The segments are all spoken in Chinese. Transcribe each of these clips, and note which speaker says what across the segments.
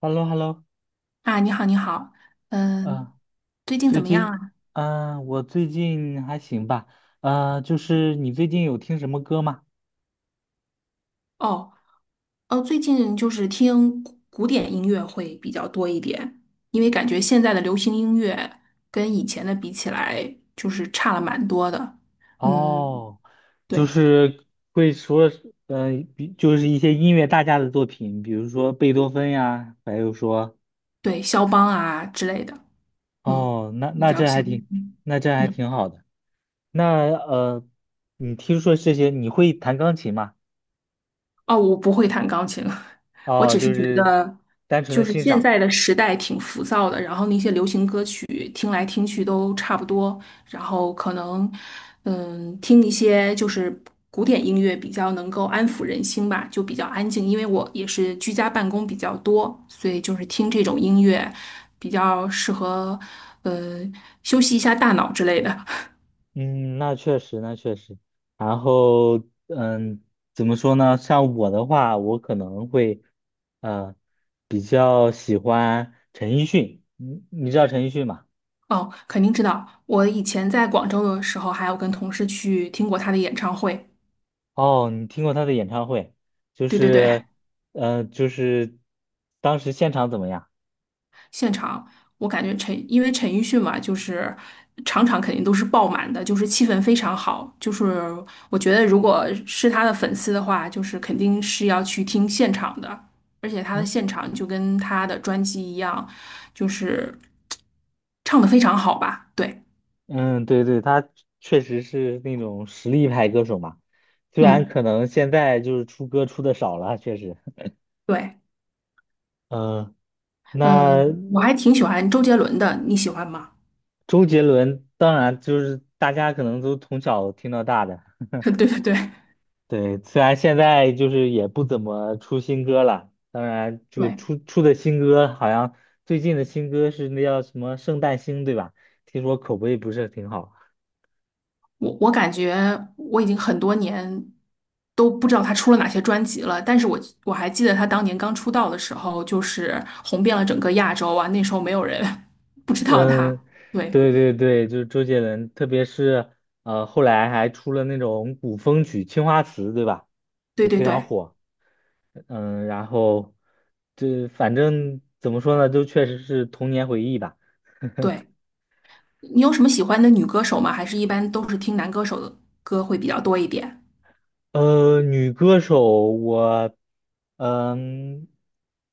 Speaker 1: hello hello
Speaker 2: 啊，你好，你好，嗯，
Speaker 1: 啊，
Speaker 2: 最近怎
Speaker 1: 最
Speaker 2: 么样
Speaker 1: 近，
Speaker 2: 啊？
Speaker 1: 嗯、我最近还行吧。就是你最近有听什么歌吗？
Speaker 2: 哦，哦，最近就是听古典音乐会比较多一点，因为感觉现在的流行音乐跟以前的比起来，就是差了蛮多的。嗯，
Speaker 1: 哦，就
Speaker 2: 对
Speaker 1: 是会说，呃，就是一些音乐大家的作品，比如说贝多芬呀，还有说，
Speaker 2: 对，肖邦啊之类的，嗯，
Speaker 1: 哦，那
Speaker 2: 你比
Speaker 1: 那
Speaker 2: 较
Speaker 1: 这
Speaker 2: 喜
Speaker 1: 还
Speaker 2: 欢。
Speaker 1: 挺，
Speaker 2: 嗯，
Speaker 1: 那这还
Speaker 2: 嗯
Speaker 1: 挺好的。那你听说这些，你会弹钢琴吗？
Speaker 2: 哦，我不会弹钢琴，了。我
Speaker 1: 哦，
Speaker 2: 只是
Speaker 1: 就
Speaker 2: 觉
Speaker 1: 是
Speaker 2: 得，
Speaker 1: 单纯
Speaker 2: 就
Speaker 1: 的
Speaker 2: 是
Speaker 1: 欣
Speaker 2: 现
Speaker 1: 赏。
Speaker 2: 在的时代挺浮躁的，然后那些流行歌曲听来听去都差不多，然后可能，嗯，听一些就是古典音乐比较能够安抚人心吧，就比较安静。因为我也是居家办公比较多，所以就是听这种音乐比较适合，呃，休息一下大脑之类的。
Speaker 1: 嗯，那确实，那确实。然后，嗯，怎么说呢？像我的话，我可能会，嗯，比较喜欢陈奕迅。你知道陈奕迅吗？
Speaker 2: 哦，肯定知道，我以前在广州的时候，还有跟同事去听过他的演唱会。
Speaker 1: 哦，你听过他的演唱会？就
Speaker 2: 对对对。
Speaker 1: 是，就是当时现场怎么样？
Speaker 2: 现场，我感觉因为陈奕迅嘛，就是场场肯定都是爆满的，就是气氛非常好。就是我觉得，如果是他的粉丝的话，就是肯定是要去听现场的，而且他的
Speaker 1: 嗯
Speaker 2: 现场就跟他的专辑一样，就是唱的非常好吧？对，
Speaker 1: 嗯，对对，他确实是那种实力派歌手嘛。虽然
Speaker 2: 嗯，
Speaker 1: 可能现在就是出歌出的少了，确实。
Speaker 2: 对，
Speaker 1: 嗯。那
Speaker 2: 嗯，我还挺喜欢周杰伦的，你喜欢吗？
Speaker 1: 周杰伦当然就是大家可能都从小听到大的，
Speaker 2: 对对对
Speaker 1: 对，虽然现在就是也不怎么出新歌了，当然就
Speaker 2: 对。
Speaker 1: 出的新歌好像最近的新歌是那叫什么《圣诞星》对吧？听说口碑不是挺好。
Speaker 2: 我感觉我已经很多年都不知道他出了哪些专辑了，但是我还记得他当年刚出道的时候，就是红遍了整个亚洲啊，那时候没有人 不知道他。
Speaker 1: 嗯，
Speaker 2: 对
Speaker 1: 对对对，就是周杰伦，特别是后来还出了那种古风曲《青花瓷》对吧？
Speaker 2: 对
Speaker 1: 也
Speaker 2: 对
Speaker 1: 非常
Speaker 2: 对
Speaker 1: 火。然后这反正怎么说呢，就确实是童年回忆吧。
Speaker 2: 对，你有什么喜欢的女歌手吗？还是一般都是听男歌手的歌会比较多一点？
Speaker 1: 女歌手我，嗯，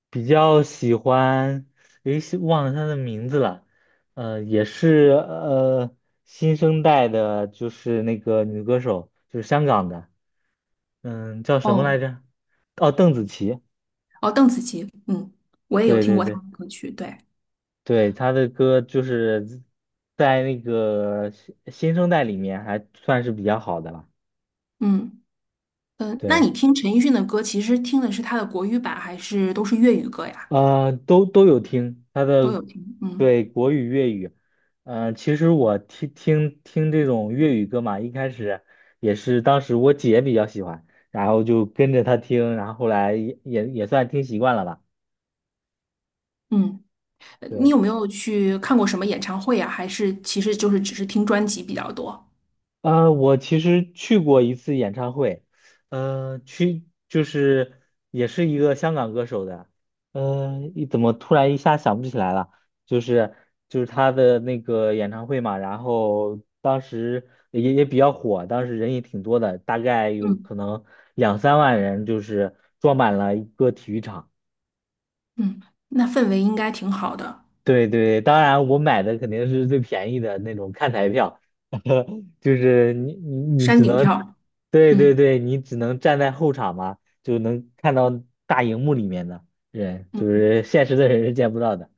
Speaker 1: 比较喜欢，诶，是忘了她的名字了。也是新生代的，就是那个女歌手，就是香港的，叫什么
Speaker 2: 哦
Speaker 1: 来着？哦，邓紫棋，
Speaker 2: 哦，邓紫棋，嗯，我也有
Speaker 1: 对
Speaker 2: 听
Speaker 1: 对
Speaker 2: 过她
Speaker 1: 对
Speaker 2: 的歌曲，对，
Speaker 1: 对，她的歌就是在那个新生代里面还算是比较好的了，
Speaker 2: 嗯嗯，那
Speaker 1: 对。
Speaker 2: 你听陈奕迅的歌，其实听的是他的国语版，还是都是粤语歌呀？
Speaker 1: 都有听他
Speaker 2: 都
Speaker 1: 的，
Speaker 2: 有听，嗯
Speaker 1: 对，国语、粤语。其实我听这种粤语歌嘛，一开始也是当时我姐比较喜欢，然后就跟着她听，然后后来也算听习惯了吧。
Speaker 2: 嗯。你
Speaker 1: 对。
Speaker 2: 有没有去看过什么演唱会啊？还是其实就是只是听专辑比较多？
Speaker 1: 我其实去过一次演唱会，就是也是一个香港歌手的，怎么突然一下想不起来了？就是就是他的那个演唱会嘛，然后当时也比较火，当时人也挺多的，大概有
Speaker 2: 嗯
Speaker 1: 可能2、3万人，就是装满了一个体育场。
Speaker 2: 嗯，那氛围应该挺好的，
Speaker 1: 对对，当然我买的肯定是最便宜的那种看台票，就是你
Speaker 2: 山
Speaker 1: 只
Speaker 2: 顶
Speaker 1: 能，
Speaker 2: 票。
Speaker 1: 对对
Speaker 2: 嗯
Speaker 1: 对，你只能站在后场嘛，就能看到大荧幕里面的人，就
Speaker 2: 嗯
Speaker 1: 是现实的人是见不到的。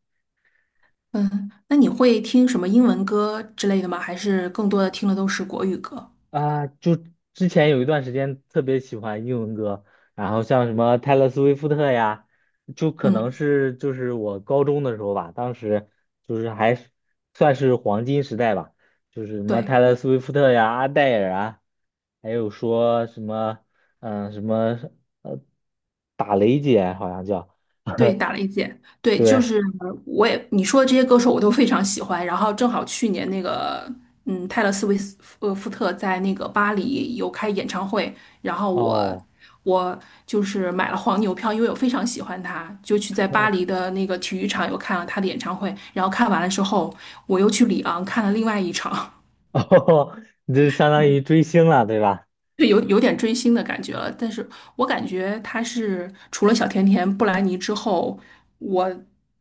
Speaker 2: 嗯，那你会听什么英文歌之类的吗？还是更多的听的都是国语歌？
Speaker 1: 啊，就之前有一段时间特别喜欢英文歌，然后像什么泰勒·斯威夫特呀，就可能
Speaker 2: 嗯，
Speaker 1: 是就是我高中的时候吧，当时就是还是算是黄金时代吧，就是什么
Speaker 2: 对。
Speaker 1: 泰勒·斯威夫特呀、阿黛尔啊，还有说什么嗯、呃什么呃打雷姐好像叫。
Speaker 2: 对，打了一届。对，就
Speaker 1: 对
Speaker 2: 是我也你说的这些歌手我都非常喜欢。然后正好去年那个，嗯，泰勒·斯威夫福特在那个巴黎有开演唱会，然后我
Speaker 1: 哦
Speaker 2: 我就是买了黄牛票，因为我非常喜欢他，就去在巴黎的那个体育场又看了他的演唱会。然后看完了之后，我又去里昂看了另外一场。
Speaker 1: 哦，你这相当于 追星了对吧？
Speaker 2: 对，有点追星的感觉了，但是我感觉他是除了小甜甜、布兰妮之后，我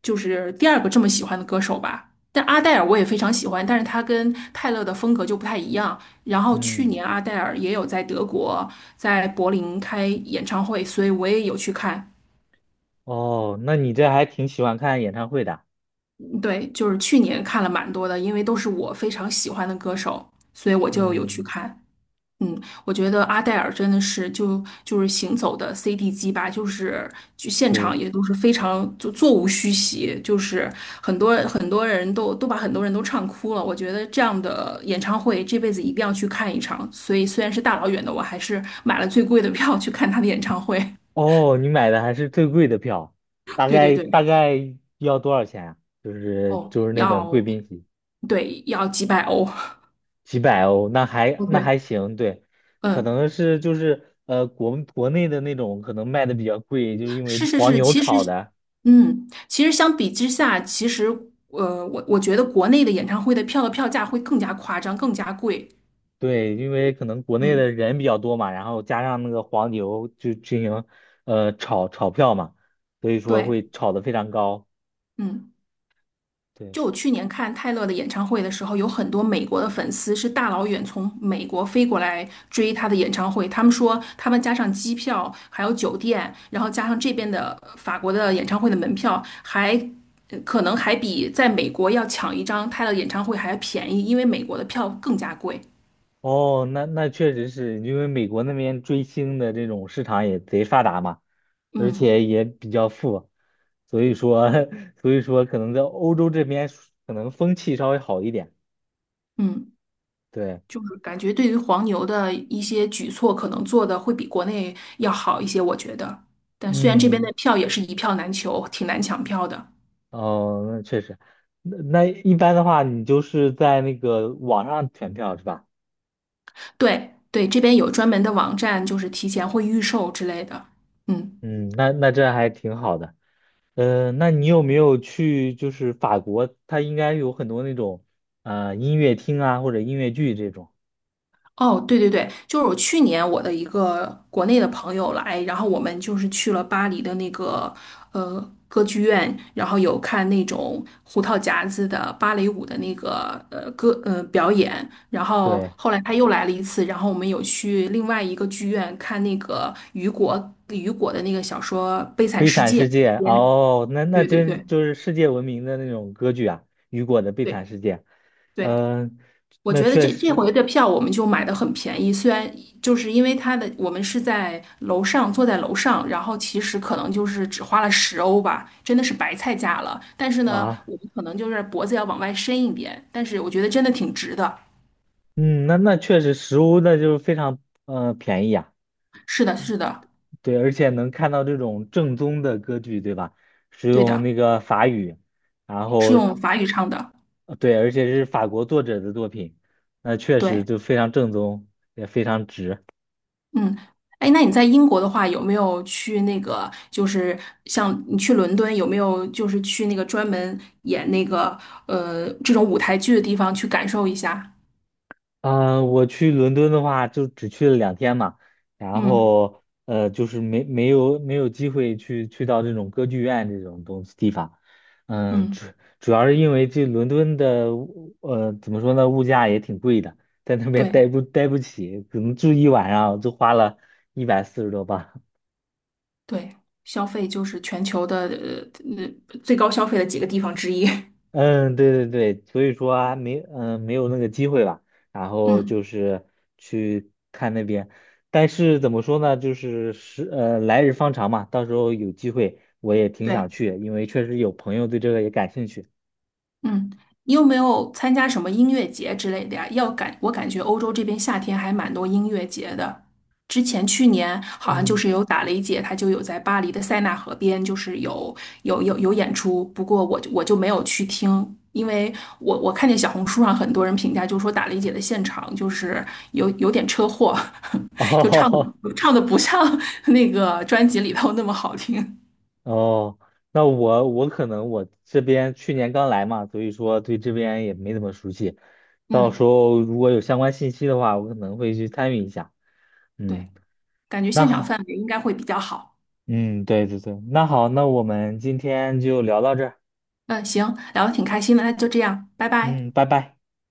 Speaker 2: 就是第二个这么喜欢的歌手吧。但阿黛尔我也非常喜欢，但是他跟泰勒的风格就不太一样。然后去年
Speaker 1: 嗯。
Speaker 2: 阿黛尔也有在德国在柏林开演唱会，所以我也有去看。
Speaker 1: 哦，那你这还挺喜欢看演唱会的。
Speaker 2: 嗯对，就是去年看了蛮多的，因为都是我非常喜欢的歌手，所以我就有去
Speaker 1: 嗯，
Speaker 2: 看。嗯，我觉得阿黛尔真的是就是行走的 CD 机吧，就是就现场
Speaker 1: 对。
Speaker 2: 也都是非常就座无虚席，就是很多很多人都把很多人都唱哭了。我觉得这样的演唱会这辈子一定要去看一场，所以虽然是大老远的，我还是买了最贵的票去看他的演唱会。
Speaker 1: 哦，你买的还是最贵的票，大
Speaker 2: 对对
Speaker 1: 概大
Speaker 2: 对，
Speaker 1: 概要多少钱啊？就是
Speaker 2: 哦，
Speaker 1: 就是那种贵
Speaker 2: 要
Speaker 1: 宾席，
Speaker 2: 对要几百欧。
Speaker 1: 几百欧，
Speaker 2: 哦，
Speaker 1: 那
Speaker 2: 对，
Speaker 1: 还行，对，可
Speaker 2: 嗯。
Speaker 1: 能是就是国内的那种可能卖的比较贵，就是因为
Speaker 2: 是是
Speaker 1: 黄
Speaker 2: 是，
Speaker 1: 牛
Speaker 2: 其实，
Speaker 1: 炒的，
Speaker 2: 嗯，其实相比之下，其实，我觉得国内的演唱会的票的票价会更加夸张，更加贵。
Speaker 1: 对，因为可能国内的
Speaker 2: 嗯，
Speaker 1: 人比较多嘛，然后加上那个黄牛就进行炒票嘛，所以说
Speaker 2: 对，
Speaker 1: 会炒得非常高，
Speaker 2: 嗯，
Speaker 1: 对。
Speaker 2: 就我去年看泰勒的演唱会的时候，有很多美国的粉丝是大老远从美国飞过来追他的演唱会。他们说，他们加上机票，还有酒店，然后加上这边的法国的演唱会的门票，还可能还比在美国要抢一张泰勒演唱会还要便宜，因为美国的票更加贵。
Speaker 1: 哦，那那确实是因为美国那边追星的这种市场也贼发达嘛，而且
Speaker 2: 嗯
Speaker 1: 也比较富，所以说 所以说可能在欧洲这边可能风气稍微好一点。
Speaker 2: 嗯，
Speaker 1: 对，
Speaker 2: 就是感觉对于黄牛的一些举措，可能做的会比国内要好一些，我觉得。但虽然这边的
Speaker 1: 嗯，
Speaker 2: 票也是一票难求，挺难抢票的。
Speaker 1: 哦，那确实。那一般的话，你就是在那个网上选票是吧？
Speaker 2: 对对，这边有专门的网站，就是提前会预售之类的。嗯。
Speaker 1: 嗯，那那这还挺好的。那你有没有去就是法国？它应该有很多那种音乐厅啊或者音乐剧这种。
Speaker 2: 哦，对对对，就是我去年我的一个国内的朋友来，然后我们就是去了巴黎的那个呃歌剧院，然后有看那种胡桃夹子的芭蕾舞的那个歌表演，然后
Speaker 1: 对。《
Speaker 2: 后来他又来了一次，然后我们有去另外一个剧院看那个雨果的那个小说《悲惨
Speaker 1: 悲
Speaker 2: 世
Speaker 1: 惨
Speaker 2: 界》
Speaker 1: 世界》
Speaker 2: 边。
Speaker 1: 哦，那那
Speaker 2: 对对
Speaker 1: 真
Speaker 2: 对
Speaker 1: 就是世界闻名的那种歌剧啊，雨果的《悲惨
Speaker 2: 对
Speaker 1: 世界》。
Speaker 2: 对，
Speaker 1: 嗯。
Speaker 2: 我
Speaker 1: 那
Speaker 2: 觉得
Speaker 1: 确
Speaker 2: 这
Speaker 1: 实
Speaker 2: 回的票我们就买的很便宜，虽然就是因为它的我们是在楼上坐在楼上，然后其实可能就是只花了10欧吧，真的是白菜价了。但是呢，
Speaker 1: 啊。
Speaker 2: 我们可能就是脖子要往外伸一点，但是我觉得真的挺值的。
Speaker 1: 嗯，那确实实物那就是非常便宜啊，
Speaker 2: 是的，是的，
Speaker 1: 对，而且能看到这种正宗的歌剧，对吧？使
Speaker 2: 对
Speaker 1: 用
Speaker 2: 的，
Speaker 1: 那个法语，然
Speaker 2: 是
Speaker 1: 后
Speaker 2: 用法语唱的。
Speaker 1: 对，而且是法国作者的作品，那确实
Speaker 2: 对，
Speaker 1: 就非常正宗，也非常值。
Speaker 2: 嗯，哎，那你在英国的话，有没有去那个就是像你去伦敦，有没有就是去那个专门演那个这种舞台剧的地方去感受一下？
Speaker 1: 嗯，我去伦敦的话，就只去了2天嘛，然
Speaker 2: 嗯
Speaker 1: 后就是没有机会去到这种歌剧院这种东西地方，嗯，
Speaker 2: 嗯，
Speaker 1: 主要是因为这伦敦的怎么说呢，物价也挺贵的，在那边
Speaker 2: 对
Speaker 1: 待不起，可能住一晚上就花了140多镑。
Speaker 2: 对，消费就是全球的最高消费的几个地方之一。
Speaker 1: 嗯，对对对，所以说还没嗯没有那个机会吧，然后就
Speaker 2: 嗯，
Speaker 1: 是去看那边，但是怎么说呢，就是是来日方长嘛，到时候有机会我也挺
Speaker 2: 对，
Speaker 1: 想去，因为确实有朋友对这个也感兴趣。
Speaker 2: 嗯，你有没有参加什么音乐节之类的呀？我感觉欧洲这边夏天还蛮多音乐节的。之前去年好像就
Speaker 1: 嗯，
Speaker 2: 是有打雷姐，她就有在巴黎的塞纳河边，就是有演出。不过我就没有去听，因为我看见小红书上很多人评价，就说打雷姐的现场就是有点车祸，就唱的
Speaker 1: 哦
Speaker 2: 唱的不像 那个专辑里头那么好听。
Speaker 1: 哦，那我可能我这边去年刚来嘛，所以说对这边也没怎么熟悉，到时
Speaker 2: 嗯，
Speaker 1: 候如果有相关信息的话，我可能会去参与一下。
Speaker 2: 对，
Speaker 1: 嗯，
Speaker 2: 感觉
Speaker 1: 那
Speaker 2: 现场氛
Speaker 1: 好。
Speaker 2: 围应该会比较好。
Speaker 1: 嗯，对对对，那好，那我们今天就聊到这儿。
Speaker 2: 嗯，行，聊的挺开心的，那就这样，拜拜。
Speaker 1: 嗯，拜拜。